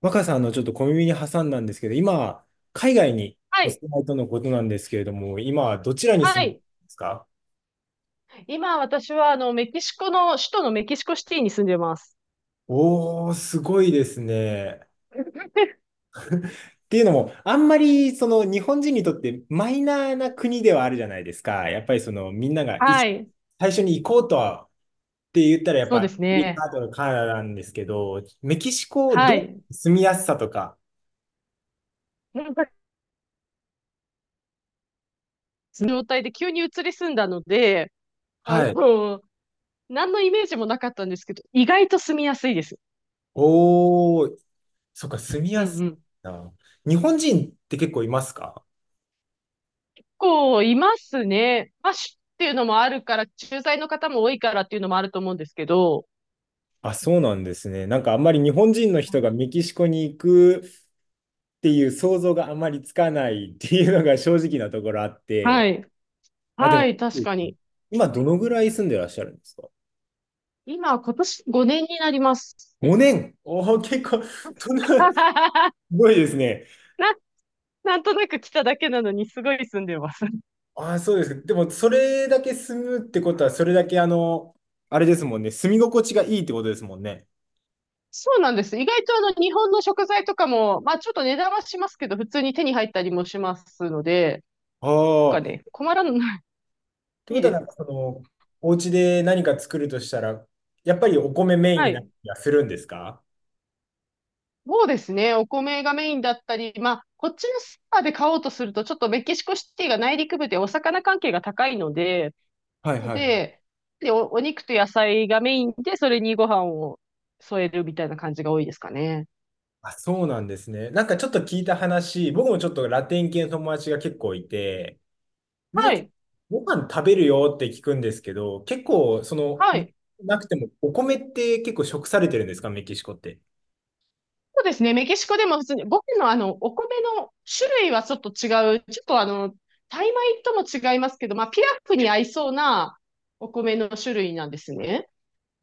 若さんのちょっと小耳に挟んだんですけど、今、海外にはおい。住まいとのことなんですけれども、今、どちらには住むんでい。ますか？今、私は、メキシコの、首都のメキシコシティに住んでます。おー、すごいですね。っていうのも、あんまりその日本人にとってマイナーな国ではあるじゃないですか。やっぱりそのみんながいはい。最初に行こうとはって言ったら、やっそぱうでアすメリね。カとかカナダなんですけど、メキシコはどい。う住みやすさとか。なんか、その状態で急に移り住んだので、あはい。の、何のイメージもなかったんですけど、意外と住みやすいです。おー、そっか、住みうんやうすん。さ。日本人って結構いますか？こう、いますね。まあ、州っていうのもあるから、駐在の方も多いからっていうのもあると思うんですけど、あ、そうなんですね。なんかあんまり日本人の人がメキシコに行くっていう想像があんまりつかないっていうのが正直なところあっはて。い。あ、ではも、い、確かに。今どのぐらい住んでらっしゃるんですか？ 今、今年5年になります。5 年。おお、結構、そんな、す ごいですね。なんとなく来ただけなのに、すごい住んでます。あ、そうです。でも、それだけ住むってことは、それだけあの、あれですもんね。住み心地がいいってことですもんね。そうなんです。意外とあの日本の食材とかも、まあちょっと値段はしますけど、普通に手に入ったりもしますので、なんかああ。っね、困らない。ていこいとでは、なすんかよ。その、お家で何か作るとしたら、やっぱりお米メインはになったい。りはするんですか？そうですね。お米がメインだったり、まあこっちのスーパーで買おうとすると、ちょっとメキシコシティが内陸部でお魚関係が高いので、はいはい。で、で、お肉と野菜がメインで、それにご飯を添えるみたいな感じが多いですかね。あ、そうなんですね。なんかちょっと聞いた話、僕もちょっとラテン系の友達が結構いて、みんなは結い。構ご飯食べるよって聞くんですけど、結構その、はい。なくてもお米って結構食されてるんですか、メキシコって。そうですね。メキシコでも普通に、僕のあの、お米の種類はちょっと違う。ちょっとあの、タイ米とも違いますけど、まあ、ピラフに合いそうなお米の種類なんですね。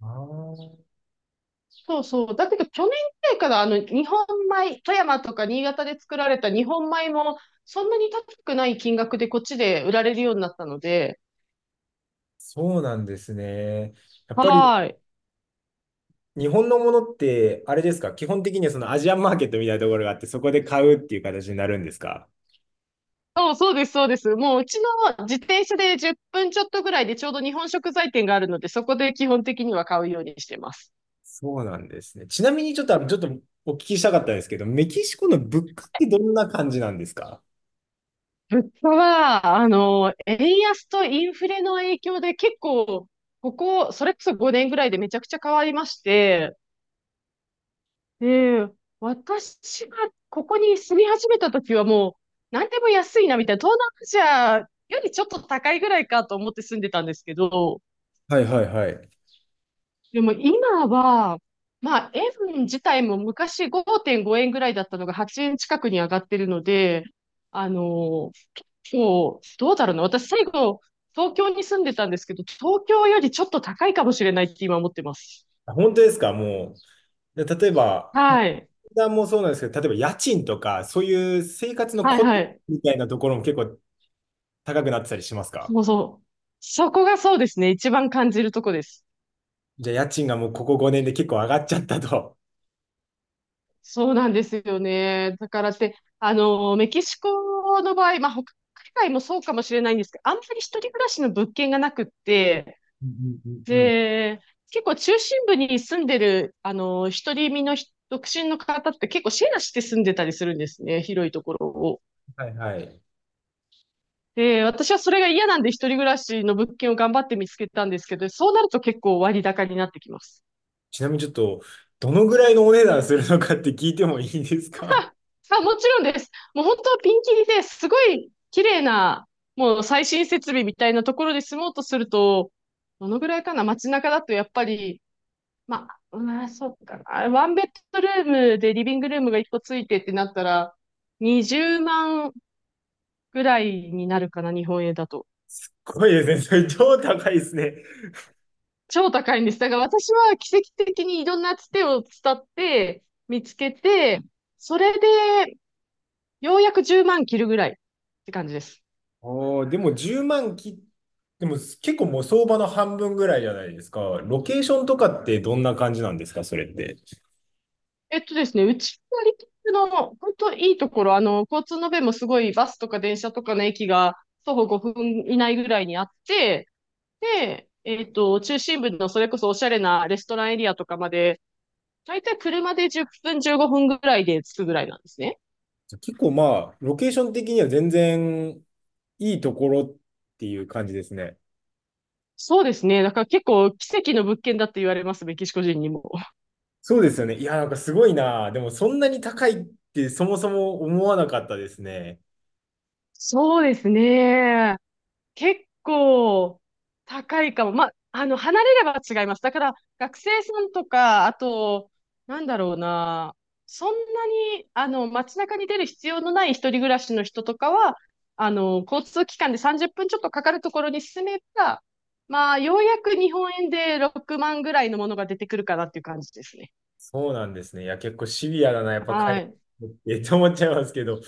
あー、そうそう。だけど、去年くらいから日本米、富山とか新潟で作られた日本米も、そんなに高くない金額でこっちで売られるようになったので、そうなんですね。やっぱりはい。日本のものってあれですか、基本的にはそのアジアンマーケットみたいなところがあって、そこで買うっていう形になるんですか？そうそうです、そうです。もううちの自転車で10分ちょっとぐらいでちょうど日本食材店があるので、そこで基本的には買うようにしてます。そうなんですね。ちなみにちょっと、ちょっとお聞きしたかったんですけど、メキシコの物価ってどんな感じなんですか？物価は、円安とインフレの影響で結構、ここ、それこそ5年ぐらいでめちゃくちゃ変わりまして、で、私がここに住み始めた時はもう、何でも安いなみたいな、東南アジアよりちょっと高いぐらいかと思って住んでたんですけど、はいはいはい。でも今は、まあ、円自体も昔5.5円ぐらいだったのが8円近くに上がってるので、あの、そう、どうだろうな。私、最後、東京に住んでたんですけど、東京よりちょっと高いかもしれないって今思ってます。本当ですかもう。で例えば、値はい。段もそうなんですけど、例えば家賃とか、そういう生活のはいコはツい。みたいなところも結構高くなってたりしますか？もうそう。そこがそうですね。一番感じるとこです。じゃあ家賃がもうここ5年で結構上がっちゃったと。そうなんですよね。だからって、メキシコの場合、まあ、他海外もそうかもしれないんですけど、あんまり一人暮らしの物件がなくって、うんうんうんうん。で、結構中心部に住んでる、一人身の人独身の方って結構シェアして住んでたりするんですね。広いところを。はいはい。で、私はそれが嫌なんで一人暮らしの物件を頑張って見つけたんですけど、そうなると結構割高になってきます。ちなみにちょっと、どのぐらいのお値段するのかって聞いてもいいですか？ あ、もちろんです。もう本当はピンキリですごい綺麗な、もう最新設備みたいなところで住もうとすると、どのぐらいかな。街中だとやっぱり、ままあ、うん、そうかな。ワンベッドルームでリビングルームが1個ついてってなったら、20万ぐらいになるかな、日本円だと。すごいですね。それ超高いですね。超高いんです。だから私は奇跡的にいろんなつてを伝って見つけて、それでようやく10万切るぐらいって感じです。おー、でも1万き、でも結構もう相場の半分ぐらいじゃないですか。ロケーションとかってどんな感じなんですか、それって。えっとですね、うちのリキッドの本当いいところ、交通の便もすごい。バスとか電車とかの駅が徒歩5分以内ぐらいにあって、で、えっと、中心部のそれこそおしゃれなレストランエリアとかまで、だいたい車で10分15分ぐらいで着くぐらいなんですね。結構まあ、ロケーション的には全然いいところっていう感じですね。そうですね。だから結構奇跡の物件だって言われます、メキシコ人にも。そうですよね。いや、なんかすごいな。でもそんなに高いってそもそも思わなかったですね。そうですね。結構高いかも。まあ、離れれば違います。だから学生さんとか、あと、なんだろうな。そんなに、街中に出る必要のない一人暮らしの人とかは、交通機関で30分ちょっとかかるところに住めば、まあ、ようやく日本円で6万ぐらいのものが出てくるかなっていう感じですね。そうなんですね。いや、結構シビアだな、やっぱ海はい。外ってって思っちゃいますけど、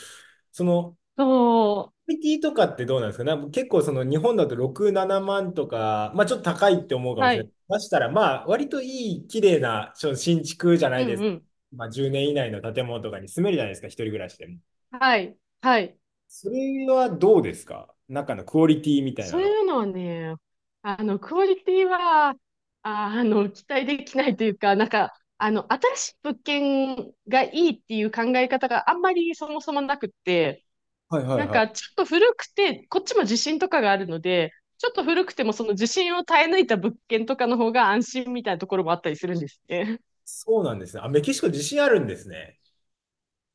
その、そクオリティとかってどうなんですか？なんか結構その日本だと6、7万とか、まあちょっと高いって思うう。かもはしれない。い。ましたら、まあ割といい、綺麗な新築じゃなういんです。うん。まあ10年以内の建物とかに住めるじゃないですか、一人暮らしでも。はい。はい。それはどうですか？中のクオリティみたいそなうの。いうのはね、クオリティは、あの、期待できないというか、なんか、新しい物件がいいっていう考え方があんまりそもそもなくって、はいはいなんはい。か、ちょっと古くて、こっちも地震とかがあるので、ちょっと古くてもその地震を耐え抜いた物件とかの方が安心みたいなところもあったりするんですね。そうなんですね。あ、メキシコ自信あるんですね。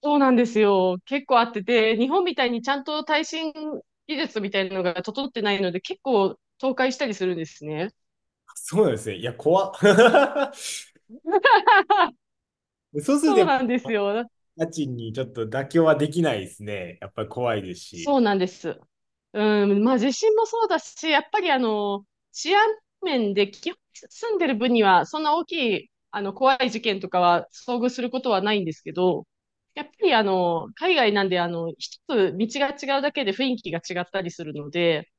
そうなんですよ。結構あってて、日本みたいにちゃんと耐震技術みたいなのが整ってないので、結構倒壊したりするんですね。そうなんですね。いや、怖っ。そうするとそやうっぱなんですよ。家賃にちょっと妥協はできないですね。やっぱり怖いですそし。うなんです。うん、まあ地震もそうだし、やっぱり治安面で基本住んでる分には、そんな大きい、怖い事件とかは遭遇することはないんですけど、やっぱり海外なんで、一つ道が違うだけで雰囲気が違ったりするので、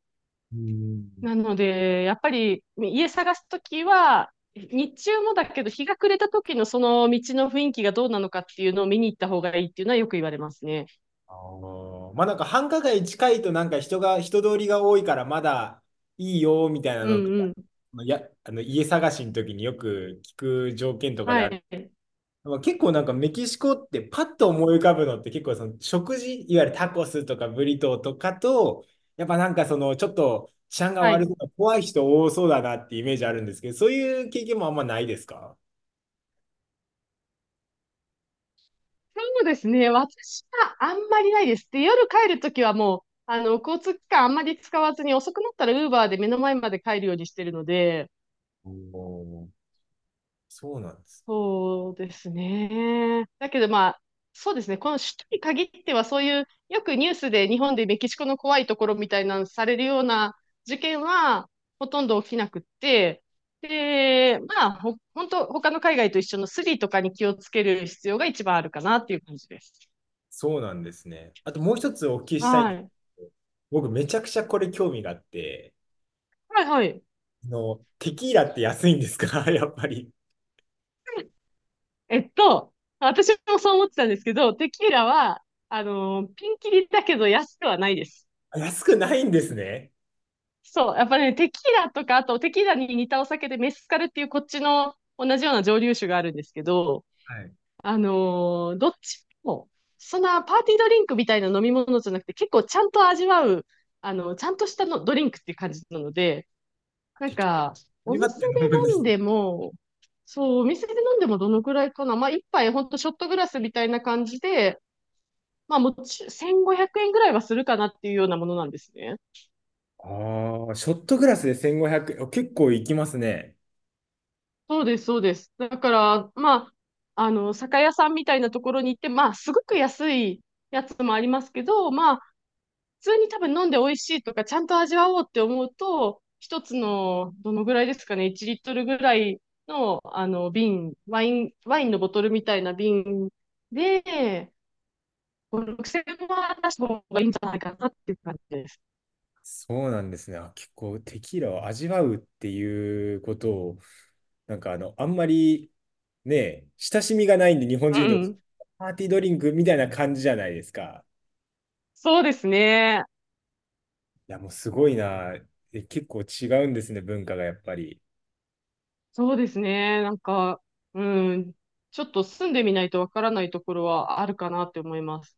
うん。なので、やっぱり家探すときは、日中もだけど、日が暮れた時のその道の雰囲気がどうなのかっていうのを見に行った方がいいっていうのはよく言われますね。あー、まあなんか繁華街近いとなんか人が、人通りが多いからまだいいよみたいなうのとんか、うん。いや、あの家探しの時によく聞く条件とかではある。い。まあ結構なんかメキシコってパッと思い浮かぶのって結構その食事、いわゆるタコスとかブリトーとかと、やっぱなんかそのちょっと治安がは悪い。そうな怖い人多そうだなってイメージあるんですけど、そういう経験もあんまないですか？そうですね。私はあんまりないです。で、夜帰るときはもう、交通機関あんまり使わずに、遅くなったら Uber で目の前まで帰るようにしてるので、おー、そうなんです。そうですね。だけどまあ、そうですね。この首都に限っては、そういう、よくニュースで日本でメキシコの怖いところみたいなのされるような事件は、ほとんど起きなくって、で、まあ、本当他の海外と一緒のスリとかに気をつける必要が一番あるかなっていう感じです。そうなんですね。あともう一つお聞きしたいんはですい。けど、僕めちゃくちゃこれ興味があって、はいはい。あの、テキーラって安いんですか？ やっぱり。えっと、私もそう思ってたんですけど、テキーラは、ピンキリだけど安くはないです。あ、安くないんですね。そう、やっぱね、テキーラとか、あとテキーラに似たお酒でメスカルっていうこっちの同じような蒸留酒があるんですけど、はい。あのーどっちも、そんなパーティードリンクみたいな飲み物じゃなくて、結構ちゃんと味わう、ちゃんとしたのドリンクっていう感じなので、なテんか、おキー店ラって飲でむんで飲んす。でも、そう、お店で飲んでもどのくらいかな。まあ、一杯ほんとショットグラスみたいな感じで、まあ、もち、1500円ぐらいはするかなっていうようなものなんですね。ああ、ショットグラスで1500円。あ、結構いきますね。そうです、そうです。だから、まあ、酒屋さんみたいなところに行って、まあ、すごく安いやつもありますけど、まあ、普通に多分飲んで美味しいとか、ちゃんと味わおうって思うと、一つの、どのぐらいですかね、1リットルぐらいの、瓶、ワインのボトルみたいな瓶で、5、6000円は出した方がいいんじゃないかなっていう感じです。そうなんですね。あ、結構テキーラを味わうっていうことを、なんかあの、あんまりね、親しみがないんで、日本人うとん。パーティードリンクみたいな感じじゃないですか。そうですね。や、もうすごいな。え、結構違うんですね、文化がやっぱり。そうですね。なんか、うん、ちょっと住んでみないとわからないところはあるかなって思います。